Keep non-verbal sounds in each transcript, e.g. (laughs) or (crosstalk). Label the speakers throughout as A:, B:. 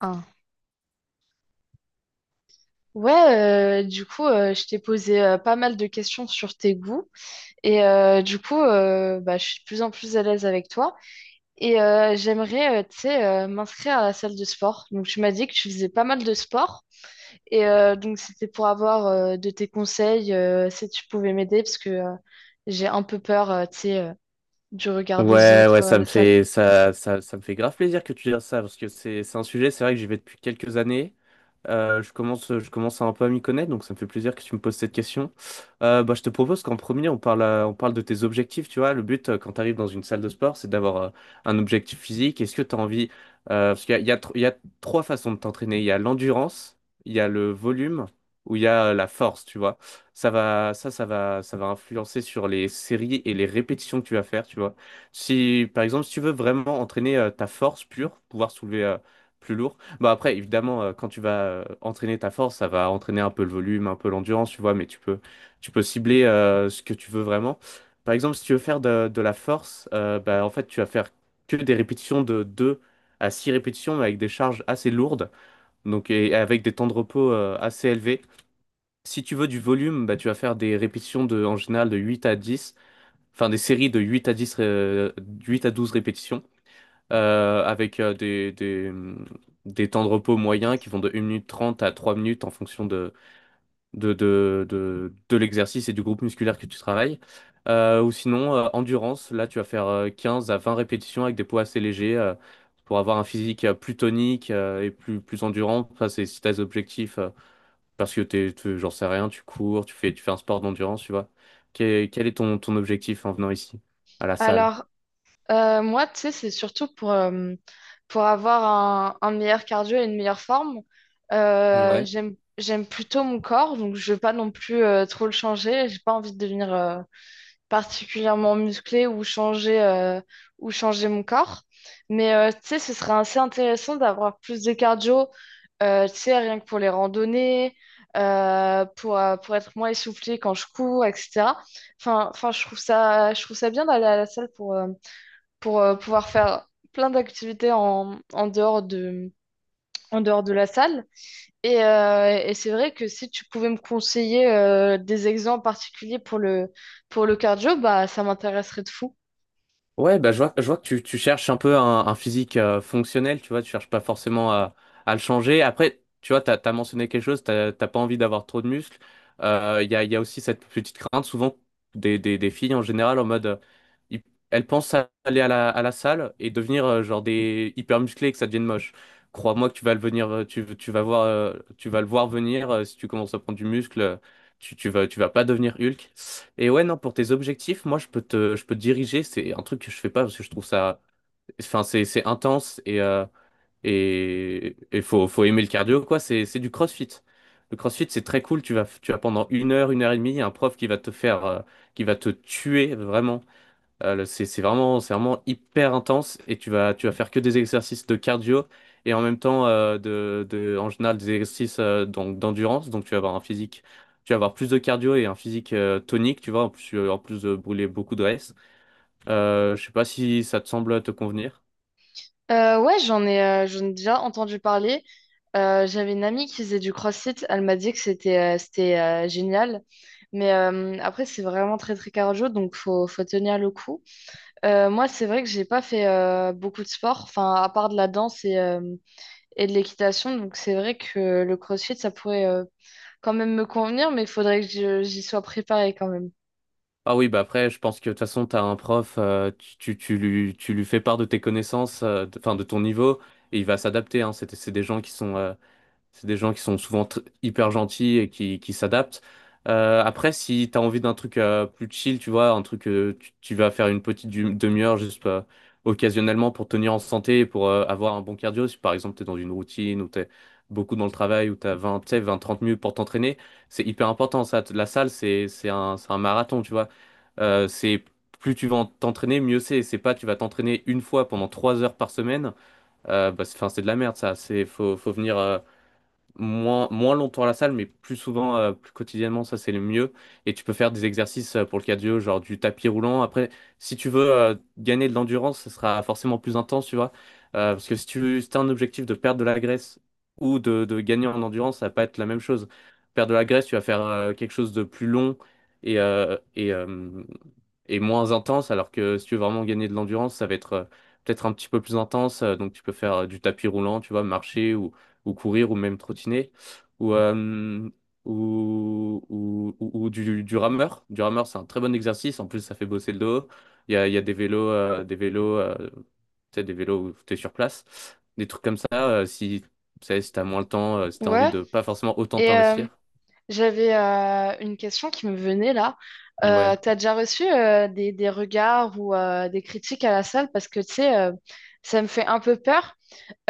A: Ah. Ouais, du coup, je t'ai posé pas mal de questions sur tes goûts et du coup, bah, je suis de plus en plus à l'aise avec toi et j'aimerais, tu sais, m'inscrire à la salle de sport. Donc, tu m'as dit que tu faisais pas mal de sport et donc c'était pour avoir de tes conseils si tu pouvais m'aider parce que j'ai un peu peur, tu sais, du regard des
B: Ouais,
A: autres
B: ouais,
A: à la salle.
B: ça me fait grave plaisir que tu dises ça, parce que c'est un sujet, c'est vrai que j'y vais depuis quelques années, je commence un peu à m'y connaître, donc ça me fait plaisir que tu me poses cette question. Bah, je te propose qu'en premier, on parle de tes objectifs. Tu vois, le but quand tu arrives dans une salle de sport, c'est d'avoir un objectif physique. Est-ce que tu as envie, parce qu'il y a, il y a tr- il y a trois façons de t'entraîner. Il y a l'endurance, il y a le volume, ou il y a la force. Tu vois, ça va influencer sur les séries et les répétitions que tu vas faire. Tu vois, si par exemple, si tu veux vraiment entraîner ta force pure, pouvoir soulever plus lourd. Bah après, évidemment, quand tu vas entraîner ta force, ça va entraîner un peu le volume, un peu l'endurance, tu vois, mais tu peux cibler ce que tu veux vraiment. Par exemple, si tu veux faire de la force, bah, en fait, tu vas faire que des répétitions de 2 à 6 répétitions, mais avec des charges assez lourdes, donc et avec des temps de repos assez élevés. Si tu veux du volume, bah, tu vas faire des répétitions de, en général de 8 à dix, enfin des séries de 8 à 10 8 à 12 répétitions avec des temps de repos moyens qui vont de, 1 minute 30 à 3 minutes en fonction de l'exercice et du groupe musculaire que tu travailles. Ou sinon, endurance, là tu vas faire 15 à 20 répétitions avec des poids assez légers pour avoir un physique plus tonique et plus endurant. Ça, c'est si tes objectifs, parce que j'en sais rien, tu cours, tu fais un sport d'endurance, tu vois. Quel est ton objectif en venant ici, à la salle?
A: Alors, moi, tu sais, c'est surtout pour avoir un meilleur cardio et une meilleure forme.
B: Ouais.
A: J'aime plutôt mon corps, donc je veux pas non plus trop le changer. J'ai pas envie de devenir particulièrement musclée ou ou changer mon corps. Mais tu sais, ce serait assez intéressant d'avoir plus de cardio, tu sais, rien que pour les randonnées, pour être moins essoufflée quand je cours, etc. Enfin, je trouve ça bien d'aller à la salle pour pouvoir faire plein d'activités en dehors en dehors de la salle. Et c'est vrai que si tu pouvais me conseiller des exemples particuliers pour pour le cardio, bah, ça m'intéresserait de fou.
B: Ouais, bah, je vois que tu cherches un peu un physique fonctionnel, tu vois, tu cherches pas forcément à le changer. Après, tu vois, t'as mentionné quelque chose, t'as pas envie d'avoir trop de muscles. Il y a aussi cette petite crainte, souvent, des filles en général, en mode, hi- elles pensent à aller à la salle et devenir genre des hyper musclées et que ça devienne moche. Crois-moi que tu vas le venir, tu vas voir, tu vas le voir venir si tu commences à prendre du muscle, tu vas pas devenir Hulk. Et ouais, non, pour tes objectifs, moi, je peux te diriger. C'est un truc que je fais pas parce que je trouve ça, enfin, c'est intense et faut aimer le cardio, quoi. C'est du crossfit. Le crossfit, c'est très cool. Tu vas pendant 1 heure, 1 heure et demie, il y a un prof qui va te faire, qui va te tuer vraiment. C'est vraiment hyper intense et tu vas faire que des exercices de cardio et en même temps, en général, des exercices donc, d'endurance. Donc, tu vas avoir un physique, tu vas avoir plus de cardio et un physique tonique, tu vois, en plus, en plus de brûler beaucoup de graisse. Je sais pas si ça te semble te convenir.
A: Ouais, j'en ai déjà entendu parler. J'avais une amie qui faisait du CrossFit. Elle m'a dit que c'était génial. Mais après, c'est vraiment très très cardio, donc faut, faut tenir le coup. Moi, c'est vrai que j'ai pas fait beaucoup de sport, enfin, à part de la danse et et de l'équitation. Donc c'est vrai que le CrossFit, ça pourrait quand même me convenir, mais il faudrait que j'y sois préparée quand même.
B: Ah oui, bah après, je pense que de toute façon, tu as un prof, tu lui fais part de tes connaissances, enfin de ton niveau, et il va s'adapter, hein. C'est des gens qui sont, c'est des gens qui sont souvent hyper gentils et qui s'adaptent. Après, si t'as envie d'un truc plus chill, tu vois, un truc tu vas faire une petite demi-heure juste occasionnellement pour tenir en santé et pour avoir un bon cardio, si par exemple t'es dans une routine ou t'es beaucoup dans le travail ou t'as 20, tu sais, 20, 30 minutes pour t'entraîner, c'est hyper important ça. La salle, c'est un marathon, tu vois. C'est plus tu vas t'entraîner, mieux c'est. C'est pas tu vas t'entraîner une fois pendant 3 heures par semaine. Bah, c'est, 'fin, c'est de la merde ça. C'est, faut venir, moins longtemps à la salle, mais plus souvent, plus quotidiennement, ça c'est le mieux. Et tu peux faire des exercices pour le cardio, genre du tapis roulant. Après, si tu veux gagner de l'endurance, ce sera forcément plus intense, tu vois. Parce que si tu as un objectif de perdre de la graisse ou de gagner en endurance, ça va pas être la même chose. Perdre de la graisse, tu vas faire quelque chose de plus long et, euh, et, euh, et moins intense, alors que si tu veux vraiment gagner de l'endurance, ça va être peut-être un petit peu plus intense. Donc tu peux faire du tapis roulant, tu vois, marcher ou courir, ou même trottiner, ou, euh, ou du rameur. Du rameur, c'est un très bon exercice. En plus, ça fait bosser le dos. Il y a des vélos, tu sais, des vélos où tu es sur place. Des trucs comme ça, si, tu sais, si t'as moins le temps, si t'as envie
A: Ouais.
B: de pas forcément autant
A: Et
B: t'investir.
A: j'avais une question qui me venait là.
B: Ouais.
A: T'as déjà reçu des regards ou des critiques à la salle parce que tu sais, ça me fait un peu peur.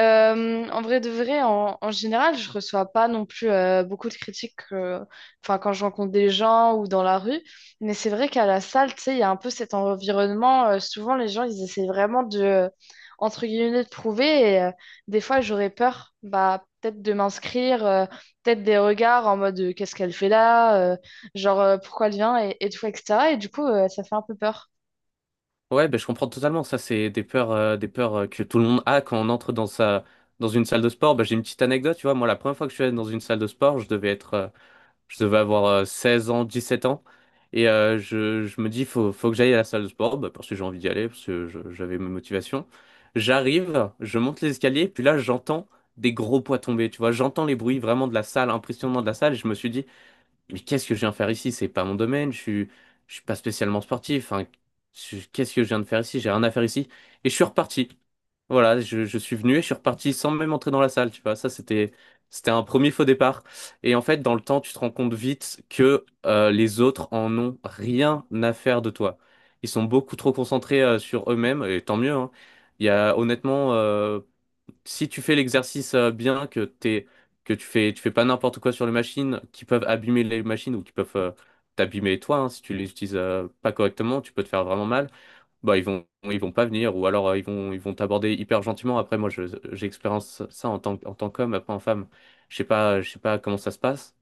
A: En vrai de vrai, en général, je reçois pas non plus beaucoup de critiques enfin, quand je rencontre des gens ou dans la rue. Mais c'est vrai qu'à la salle, tu sais, il y a un peu cet environnement. Souvent, les gens, ils essaient vraiment entre guillemets, de prouver. Et des fois, j'aurais peur, bah, peut-être de m'inscrire, peut-être des regards en mode qu'est-ce qu'elle fait là, genre pourquoi elle vient et tout, etc. Et du coup, ça fait un peu peur.
B: Ouais, ben, je comprends totalement. Ça, c'est des peurs, que tout le monde a quand on entre dans sa, dans une salle de sport. Ben, j'ai une petite anecdote, tu vois. Moi, la première fois que je suis allé dans une salle de sport, je devais avoir 16 ans, 7 ans. Et je me dis, faut que j'aille à la salle de sport, bah, parce que j'ai envie d'y aller, parce que j'avais mes motivations. J'arrive, je monte les escaliers, puis là, j'entends des gros poids tomber, tu vois. J'entends les bruits vraiment de la salle, impressionnant de la salle. Et je me suis dit, mais qu'est-ce que je viens faire ici? C'est pas mon domaine, je suis pas spécialement sportif, hein. Qu'est-ce que je viens de faire ici? J'ai rien à faire ici. Et je suis reparti. Voilà, je suis venu et je suis reparti sans même entrer dans la salle, tu vois. Ça, c'était, c'était un premier faux départ. Et en fait, dans le temps, tu te rends compte vite que les autres en ont rien à faire de toi. Ils sont beaucoup trop concentrés sur eux-mêmes, et tant mieux, hein. Il y a honnêtement si tu fais l'exercice bien, que tu fais pas n'importe quoi sur les machines qui peuvent abîmer les machines ou qui peuvent t'abîmer toi, hein, si tu les utilises pas correctement, tu peux te faire vraiment mal. Bah ils vont pas venir ou alors ils vont t'aborder hyper gentiment. Après moi, j'expérience ça en tant, en tant qu'homme, après en femme, je sais pas comment ça se passe.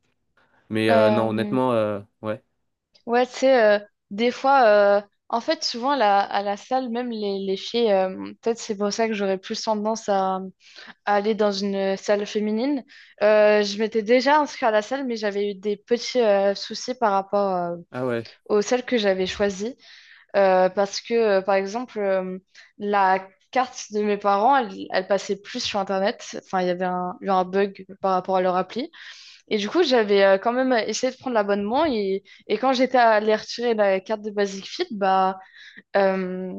B: Mais non,
A: Euh,
B: honnêtement, ouais.
A: Ouais, tu sais, des fois, euh, en fait, souvent à la salle, même les filles, peut-être c'est pour ça que j'aurais plus tendance à aller dans une salle féminine. Je m'étais déjà inscrite à la salle, mais j'avais eu des petits soucis par rapport
B: Ah ouais,
A: aux salles que j'avais choisies. Parce que, par exemple, la carte de mes parents, elle passait plus sur Internet. Enfin, il y avait eu un bug par rapport à leur appli. Et du coup, j'avais quand même essayé de prendre l'abonnement et quand j'étais allée retirer la carte de Basic Fit, euh,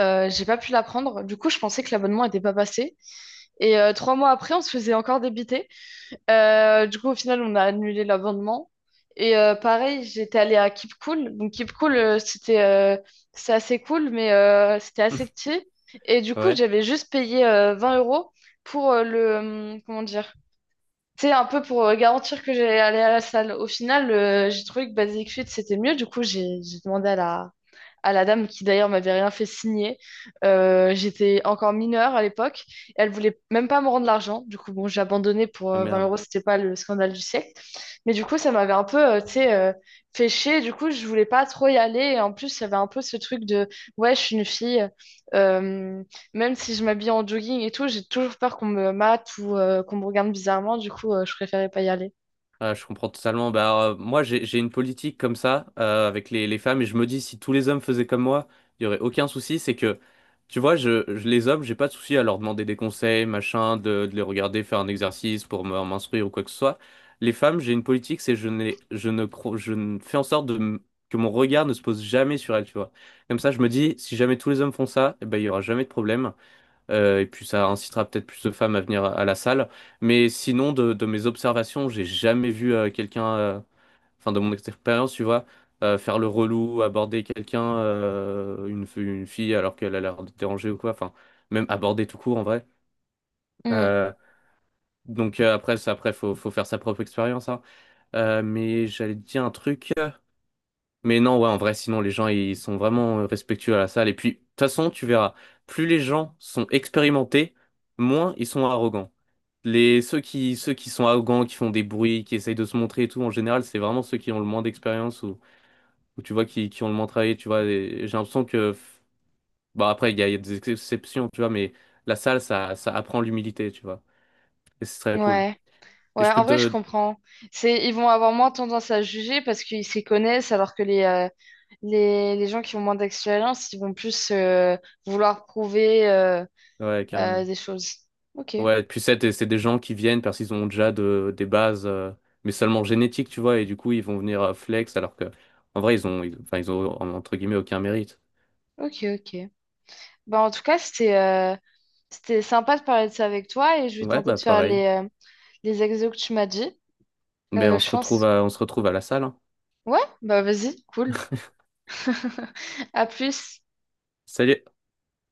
A: j'ai pas pu la prendre. Du coup, je pensais que l'abonnement était pas passé. Et trois mois après, on se faisait encore débiter. Du coup, au final, on a annulé l'abonnement. Et pareil, j'étais allée à Keep Cool. Donc, Keep Cool, c'est assez cool, mais c'était assez
B: (laughs)
A: petit. Et du coup,
B: ouais.
A: j'avais juste payé 20 € pour comment dire, c'est un peu pour garantir que j'allais aller à la salle. Au final, j'ai trouvé que Basic Fit, c'était mieux. Du coup, j'ai demandé à à la dame qui d'ailleurs m'avait rien fait signer. J'étais encore mineure à l'époque. Elle voulait même pas me rendre l'argent. Du coup, bon, j'ai abandonné pour
B: Ah
A: 20
B: merde.
A: euros. C'était pas le scandale du siècle. Mais du coup, ça m'avait un peu, tu sais, fait chier. Du coup, je voulais pas trop y aller. Et en plus, il y avait un peu ce truc de, ouais, je suis une fille. Euh, même si je m'habille en jogging et tout, j'ai toujours peur qu'on me mate ou qu'on me regarde bizarrement. Du coup, je préférais pas y aller.
B: Ah, je comprends totalement. Bah, moi, j'ai une politique comme ça avec les femmes et je me dis si tous les hommes faisaient comme moi, il y aurait aucun souci. C'est que, tu vois, les hommes, j'ai pas de souci à leur demander des conseils, machin, de les regarder faire un exercice pour m'instruire ou quoi que ce soit. Les femmes, j'ai une politique, c'est je n'ai, je ne cro- je ne fais en sorte que mon regard ne se pose jamais sur elles, tu vois. Comme ça, je me dis si jamais tous les hommes font ça, eh ben, il y aura jamais de problème. Et puis ça incitera peut-être plus de femmes à venir à la salle. Mais sinon, de mes observations, j'ai jamais vu quelqu'un, enfin de mon expérience, tu vois, faire le relou, aborder quelqu'un, une fille alors qu'elle a l'air de déranger ou quoi. Enfin, même aborder tout court en vrai.
A: Mm.
B: Euh, donc après, ça, après faut faire sa propre expérience, hein. Mais j'allais te dire un truc. Mais non, ouais, en vrai, sinon les gens, ils sont vraiment respectueux à la salle. Et puis, de toute façon, tu verras, plus les gens sont expérimentés, moins ils sont arrogants. Ceux qui sont arrogants, qui font des bruits, qui essayent de se montrer et tout, en général, c'est vraiment ceux qui ont le moins d'expérience ou, tu vois, qui ont le moins travaillé, tu vois. Et J'ai l'impression que, bah après, il y a des exceptions, tu vois, mais la salle, ça apprend l'humilité, tu vois. Et c'est très cool.
A: Ouais.
B: Et
A: Ouais,
B: je
A: en
B: peux
A: vrai, je
B: te...
A: comprends. C'est, ils vont avoir moins tendance à juger parce qu'ils s'y connaissent, alors que les gens qui ont moins d'expérience, ils vont plus vouloir prouver
B: Ouais, carrément.
A: des choses. Ok,
B: Ouais, puis c'est des gens qui viennent parce qu'ils ont déjà des bases, mais seulement génétiques, tu vois, et du coup, ils vont venir flex, alors que, en vrai, enfin, ils ont, entre guillemets, aucun mérite.
A: ok, ok. Bah, en tout cas, c'était sympa de parler de ça avec toi et je vais
B: Ouais,
A: tenter
B: bah,
A: de faire
B: pareil.
A: les exos que tu m'as dit.
B: Ben, on
A: Je
B: se retrouve
A: pense.
B: à, on se retrouve à la salle, hein.
A: Ouais, bah vas-y, cool.
B: (laughs)
A: (laughs) À plus.
B: Salut!